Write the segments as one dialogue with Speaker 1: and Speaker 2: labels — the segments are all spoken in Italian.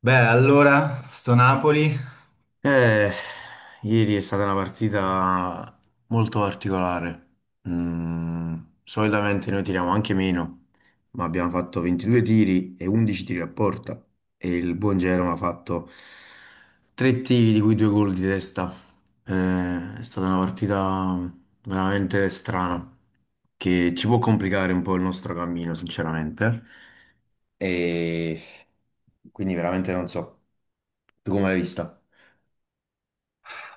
Speaker 1: Beh, allora, sto Napoli.
Speaker 2: Eh, Ieri è stata una partita molto particolare. Mm, solitamente noi tiriamo anche meno, ma abbiamo fatto 22 tiri e 11 tiri a porta. E il buon Jerome ha fatto tre tiri, di cui due gol di testa. È stata una partita veramente strana, che ci può complicare un po' il nostro cammino, sinceramente. E quindi veramente non so. Tu come l'hai vista?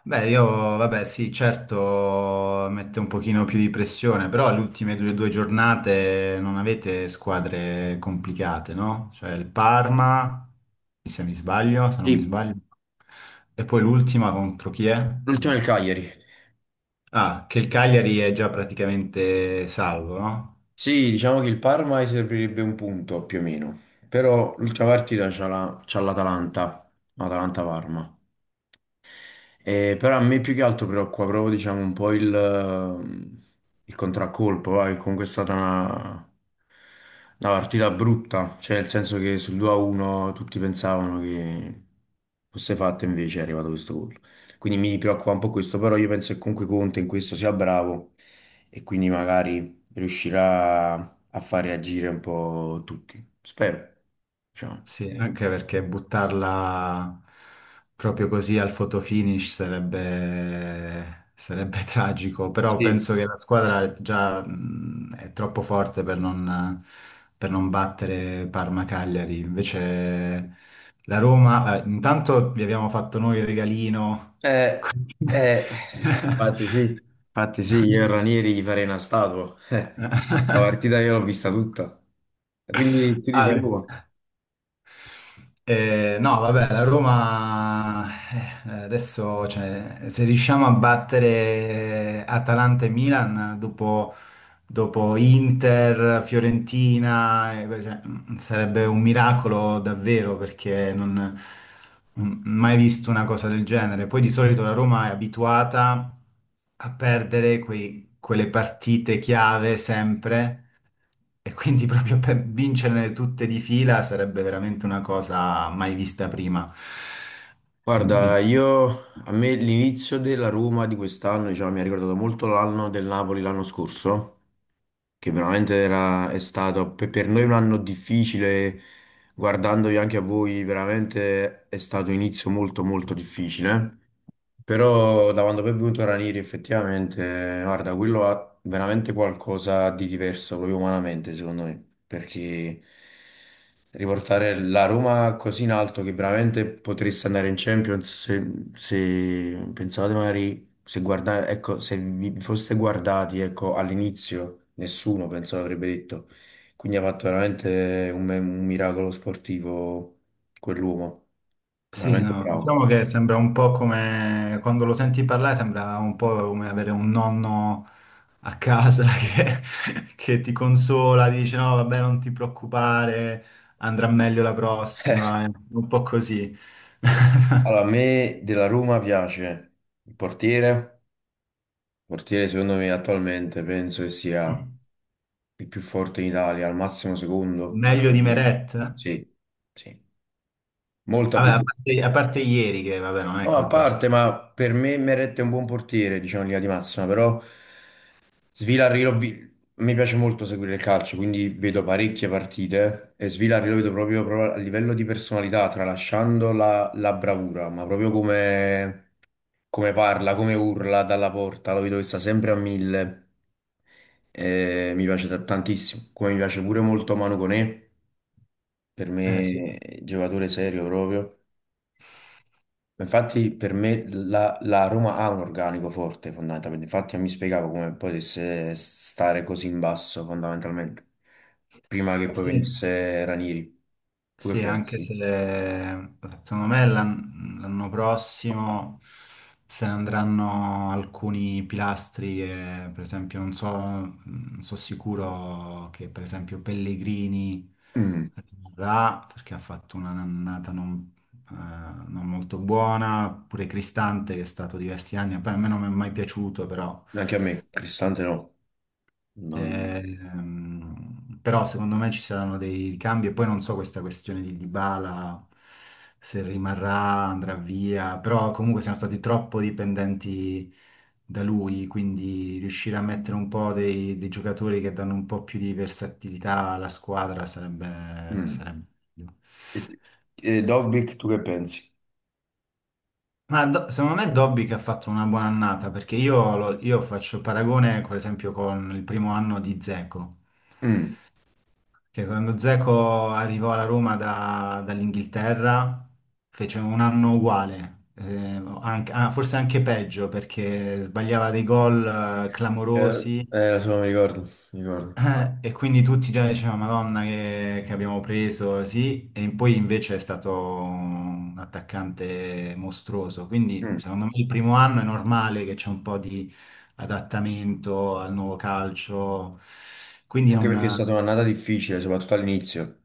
Speaker 1: Beh, io, vabbè, sì, certo, mette un pochino più di pressione, però le ultime due giornate non avete squadre complicate, no? Cioè il Parma, se non mi
Speaker 2: Sì.
Speaker 1: sbaglio. E poi l'ultima contro chi è?
Speaker 2: L'ultima è il Cagliari.
Speaker 1: Ah, che il Cagliari è già praticamente salvo, no?
Speaker 2: Sì, diciamo che il Parma gli servirebbe un punto più o meno, però l'ultima partita c'ha l'Atalanta, Atalanta-Parma. Però a me più che altro preoccupa proprio, diciamo, un po' il contraccolpo, va, che comunque è stata una partita brutta, cioè nel senso che sul 2-1 tutti pensavano che fosse fatta, invece è arrivato questo gol. Quindi mi preoccupa un po' questo, però io penso che comunque Conte in questo sia bravo e quindi magari riuscirà a far reagire un po' tutti. Spero, diciamo.
Speaker 1: Sì, anche perché buttarla proprio così al fotofinish sarebbe tragico, però
Speaker 2: Sì.
Speaker 1: penso che la squadra già è troppo forte per non battere Parma-Cagliari. Invece la Roma, intanto vi abbiamo fatto noi il regalino.
Speaker 2: Eh, eh, Infatti sì, infatti sì, io e Ranieri gli farei una statua. La partita io l'ho vista tutta. E quindi tu dici
Speaker 1: Ah,
Speaker 2: Roma.
Speaker 1: No, vabbè, la Roma adesso, cioè, se riusciamo a battere Atalanta e Milan dopo Inter, Fiorentina, cioè, sarebbe un miracolo davvero perché mai visto una cosa del genere. Poi di solito la Roma è abituata a perdere quelle partite chiave sempre e quindi proprio per vincerle tutte di fila sarebbe veramente una cosa mai vista prima. Quindi
Speaker 2: Guarda,
Speaker 1: vi-
Speaker 2: io a me l'inizio della Roma di quest'anno, diciamo, mi ha ricordato molto l'anno del Napoli l'anno scorso, che veramente era, è stato per noi un anno difficile, guardandovi anche a voi, veramente è stato un inizio molto molto difficile. Però da quando poi è venuto Ranieri effettivamente, guarda, quello ha veramente qualcosa di diverso proprio umanamente, secondo me, perché riportare la Roma così in alto che veramente potreste andare in Champions se pensavate magari se guarda- ecco, se vi foste guardati, ecco, all'inizio nessuno penso l'avrebbe detto. Quindi ha fatto veramente un miracolo sportivo quell'uomo,
Speaker 1: Sì,
Speaker 2: veramente
Speaker 1: no,
Speaker 2: bravo.
Speaker 1: diciamo che sembra un po' come quando lo senti parlare, sembra un po' come avere un nonno a casa che, che ti consola, dice no, vabbè, non ti preoccupare, andrà meglio la prossima, è un po' così.
Speaker 2: Allora, a me della Roma piace il portiere. Il portiere, secondo me, attualmente penso che sia il più forte in Italia, al massimo secondo. Ma
Speaker 1: Meglio di
Speaker 2: secondo me
Speaker 1: Meret? Vabbè,
Speaker 2: sì, sì, molta più.
Speaker 1: a parte ieri che, vabbè, non è
Speaker 2: No, a
Speaker 1: colpa sua.
Speaker 2: parte, ma per me Meret è un buon portiere, diciamo in linea di massima, però Svilarri l'ho vi- mi piace molto seguire il calcio, quindi vedo parecchie partite e Svilarri lo vedo proprio, proprio a livello di personalità, tralasciando la bravura, ma proprio come parla, come urla dalla porta, lo vedo che sta sempre a mille, mi piace tantissimo, come mi piace pure molto Manu Koné, per
Speaker 1: Eh sì.
Speaker 2: me è un giocatore serio proprio, infatti per me la Roma ha un organico forte fondamentalmente, infatti non mi spiegavo come potesse stare così in basso fondamentalmente, prima che poi
Speaker 1: Sì.
Speaker 2: venisse Ranieri, tu che
Speaker 1: Sì, anche se
Speaker 2: pensi?
Speaker 1: secondo me l'anno prossimo se ne andranno alcuni pilastri che, per esempio, non so, non so sicuro che per esempio Pellegrini
Speaker 2: Mm,
Speaker 1: rimarrà perché ha fatto una annata eh, non molto buona, pure Cristante che è stato diversi anni, poi a me non mi è mai piaciuto, però.
Speaker 2: Anche a me, Cristante no, non...
Speaker 1: Però secondo me ci saranno dei cambi e poi non so questa questione di Dybala se rimarrà, andrà via, però comunque siamo stati troppo dipendenti da lui, quindi riuscire a mettere un po' dei giocatori che danno un po' più di versatilità alla squadra
Speaker 2: mm.
Speaker 1: sarebbe meglio.
Speaker 2: E, e Dobbik, tu che pensi?
Speaker 1: Secondo me Dobby che ha fatto una buona annata, perché io faccio paragone, per esempio, con il primo anno di Dzeko.
Speaker 2: Mm.
Speaker 1: Che quando Zeko arrivò alla Roma dall'Inghilterra fece un anno uguale, forse anche peggio perché sbagliava dei gol clamorosi
Speaker 2: Lo so, mi ricordo, mi ricordo.
Speaker 1: e quindi tutti già dicevano Madonna che abbiamo preso, sì, e poi invece è stato un attaccante mostruoso, quindi
Speaker 2: Mm.
Speaker 1: secondo me il primo anno è normale che c'è un po' di adattamento al nuovo calcio, quindi
Speaker 2: Anche perché è
Speaker 1: non...
Speaker 2: stata un'annata difficile, soprattutto all'inizio.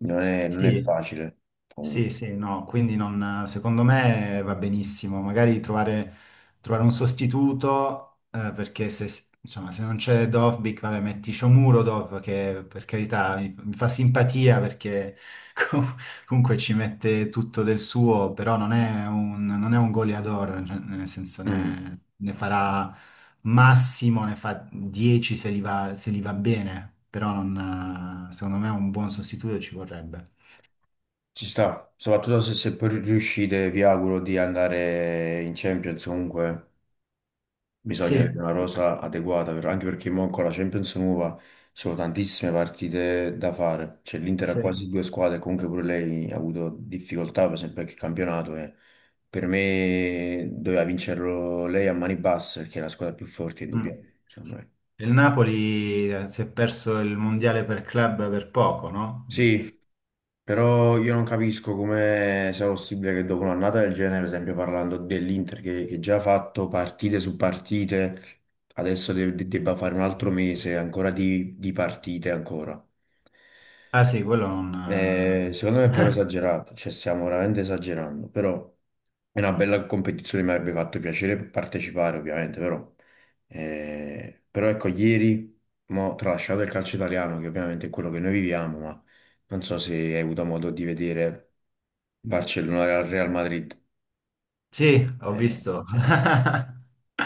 Speaker 2: Non è
Speaker 1: Sì,
Speaker 2: facile.
Speaker 1: sì,
Speaker 2: Comunque.
Speaker 1: quindi secondo me va benissimo, trovare un sostituto, perché se, insomma, se non c'è Dovbyk, vabbè, metti Shomurov, che per carità mi fa simpatia perché com- comunque ci mette tutto del suo, però non è un goleador, cioè, nel senso
Speaker 2: Mm.
Speaker 1: ne farà massimo, ne fa 10 se li va, se li va bene, però non, secondo me un buon sostituto ci vorrebbe.
Speaker 2: Ci sta, soprattutto se poi riuscite, vi auguro di andare in Champions comunque. Eh. Bisogna avere
Speaker 1: Sì.
Speaker 2: una rosa adeguata, anche perché mo con la Champions nuova sono tantissime partite da fare. Cioè, l'Inter ha
Speaker 1: Sì.
Speaker 2: quasi due squadre, comunque pure lei ha avuto difficoltà, per esempio, anche il campionato. E per me doveva vincerlo lei a mani basse, perché è la squadra più forte,
Speaker 1: Mm.
Speaker 2: indubbiamente, secondo me.
Speaker 1: Il Napoli si è perso il mondiale per club per poco, no?
Speaker 2: Sì, però io non capisco come sia possibile che dopo un'annata del genere, per esempio parlando dell'Inter che già ha fatto partite su partite, adesso debba fare un altro mese ancora di partite ancora.
Speaker 1: Ah sì, quello non...
Speaker 2: Secondo me è proprio
Speaker 1: eh.
Speaker 2: esagerato, cioè stiamo veramente esagerando, però è una bella competizione, mi avrebbe fatto piacere partecipare ovviamente, però ecco, ieri, mo, tralasciato il calcio italiano, che ovviamente è quello che noi viviamo, ma non so se hai avuto modo di vedere Barcellona Real Madrid.
Speaker 1: Sì, ho
Speaker 2: No,
Speaker 1: visto.
Speaker 2: cioè,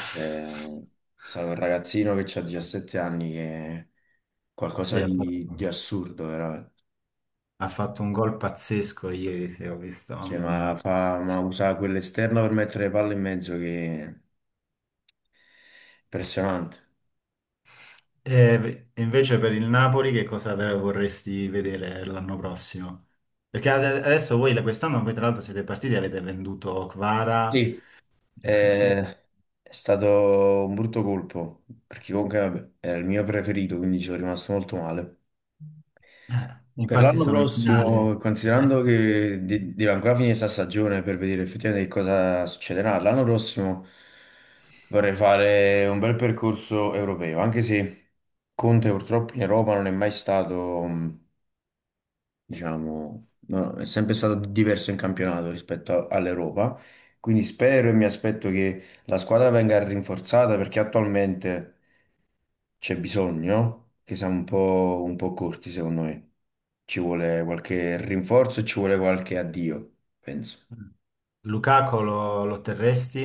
Speaker 2: c'è stato un ragazzino che ha 17 anni che è qualcosa
Speaker 1: Sì, ha fatto,
Speaker 2: di assurdo, veramente.
Speaker 1: ha fatto un gol pazzesco ieri, sì, ho visto,
Speaker 2: Cioè,
Speaker 1: mamma
Speaker 2: ma,
Speaker 1: mia.
Speaker 2: fa, ma usa quell'esterno per mettere le palle in mezzo che è impressionante.
Speaker 1: E invece per il Napoli che cosa vorresti vedere l'anno prossimo? Perché adesso voi quest'anno voi tra l'altro siete partiti e avete venduto Kvara.
Speaker 2: Sì, eh, è stato un brutto colpo, perché comunque vabbè, era il mio preferito, quindi ci sono rimasto molto male. Per
Speaker 1: Infatti
Speaker 2: l'anno
Speaker 1: sono in
Speaker 2: prossimo,
Speaker 1: finale.
Speaker 2: considerando che deve ancora finire questa stagione per vedere effettivamente che cosa succederà, l'anno prossimo vorrei fare un bel percorso europeo, anche se Conte purtroppo in Europa non è mai stato, diciamo, no, è sempre stato diverso in campionato rispetto all'Europa, quindi spero e mi aspetto che la squadra venga rinforzata perché attualmente c'è bisogno, che siamo un po' corti secondo me. Ci vuole qualche rinforzo e ci vuole qualche addio, penso.
Speaker 1: Lukaku lo terresti?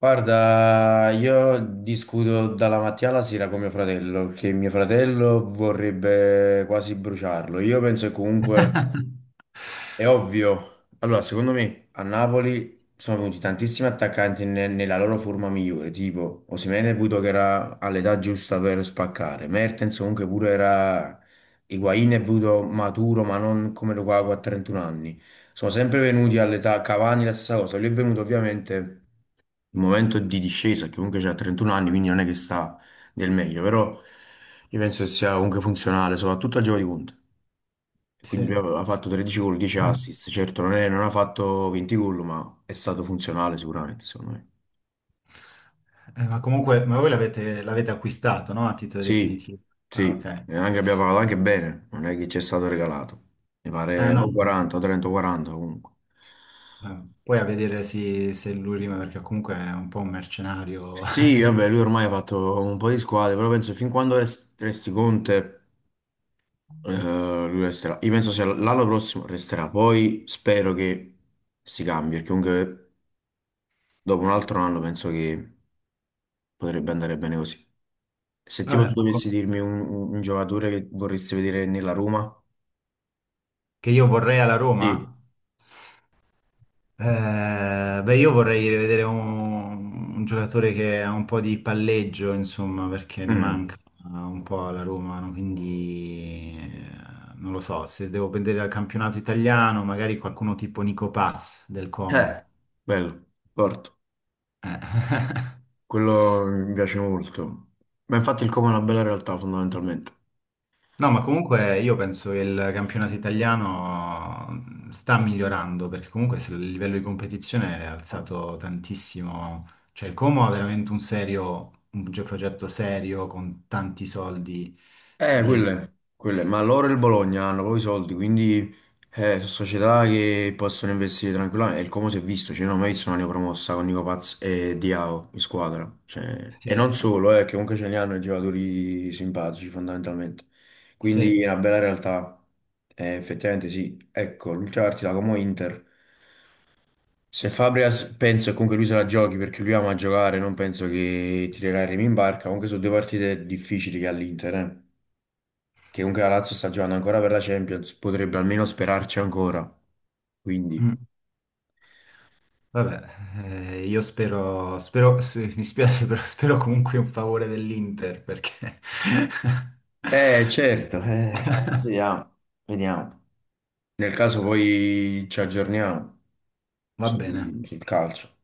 Speaker 2: Guarda, io discuto dalla mattina alla sera con mio fratello, perché mio fratello vorrebbe quasi bruciarlo. Io penso che comunque. È ovvio. Allora, secondo me a Napoli sono venuti tantissimi attaccanti nella loro forma migliore, tipo Osimhen è venuto che era all'età giusta per spaccare, Mertens comunque pure era. Higuain è venuto maturo, ma non come Lukaku a 31 anni. Sono sempre venuti all'età, Cavani la stessa cosa. Lui è venuto ovviamente il momento di discesa, che comunque c'ha 31 anni, quindi non è che sta nel meglio, però io penso che sia comunque funzionale, soprattutto a gioco di punta.
Speaker 1: Sì.
Speaker 2: Quindi lui aveva fatto 13 gol, 10 assist. Certo, non ha fatto 20 gol, ma è stato funzionale sicuramente, secondo me.
Speaker 1: Ma comunque, ma voi l'avete acquistato, no? A titolo
Speaker 2: Sì,
Speaker 1: definitivo. Ah, ok.
Speaker 2: sì, e anche, abbiamo pagato anche bene, non è che ci è stato regalato. Mi pare o
Speaker 1: No.
Speaker 2: 40, o 30, o 40 comunque.
Speaker 1: Poi a vedere se lui rima, perché comunque è un po' un mercenario.
Speaker 2: Sì, vabbè, lui ormai ha fatto un po' di squadre, però penso fin quando resti Conte, eh, lui resterà. Io penso sia l'anno prossimo resterà, poi spero che si cambi, perché comunque dopo un altro anno penso che potrebbe andare bene così. Se tipo tu
Speaker 1: Vabbè, ma
Speaker 2: dovessi
Speaker 1: co-
Speaker 2: dirmi un giocatore che vorresti vedere nella Roma,
Speaker 1: che io vorrei alla
Speaker 2: sì.
Speaker 1: Roma? Beh, io vorrei rivedere un giocatore che ha un po' di palleggio, insomma, perché ne
Speaker 2: Mm.
Speaker 1: manca un po' alla Roma, no? Quindi non lo so, se devo vedere al campionato italiano, magari qualcuno tipo Nico Paz del Como.
Speaker 2: Eh, bello, forte. Quello mi piace molto. Ma infatti il Como è una bella realtà fondamentalmente.
Speaker 1: No, ma comunque io penso che il campionato italiano sta migliorando perché comunque se il livello di competizione è alzato tantissimo. Cioè il Como ha veramente un serio, un progetto serio con tanti soldi
Speaker 2: Eh,
Speaker 1: dietro.
Speaker 2: quelle, quelle, ma loro e il Bologna hanno proprio i soldi, quindi sono società che possono investire tranquillamente. E il Como si è visto, cioè, io non ho mai visto una neopromossa con Nico Paz e Diao in squadra. Cioè,
Speaker 1: Sì,
Speaker 2: e non solo, che comunque ce ne hanno i giocatori simpatici fondamentalmente. Quindi
Speaker 1: sì.
Speaker 2: è una bella realtà. Effettivamente sì. Ecco, l'ultima partita Como Inter. Se Fabregas penso che comunque lui se la giochi perché lui ama giocare, non penso che tirerà il remi in barca, comunque sono due partite difficili che ha l'Inter, che comunque la Lazio sta giocando ancora per la Champions, potrebbe almeno sperarci ancora. Quindi,
Speaker 1: Mm. Vabbè, io spero, mi spiace, però spero comunque un favore dell'Inter perché
Speaker 2: certo, vediamo, vediamo. Nel caso poi ci aggiorniamo
Speaker 1: va bene.
Speaker 2: sul calcio.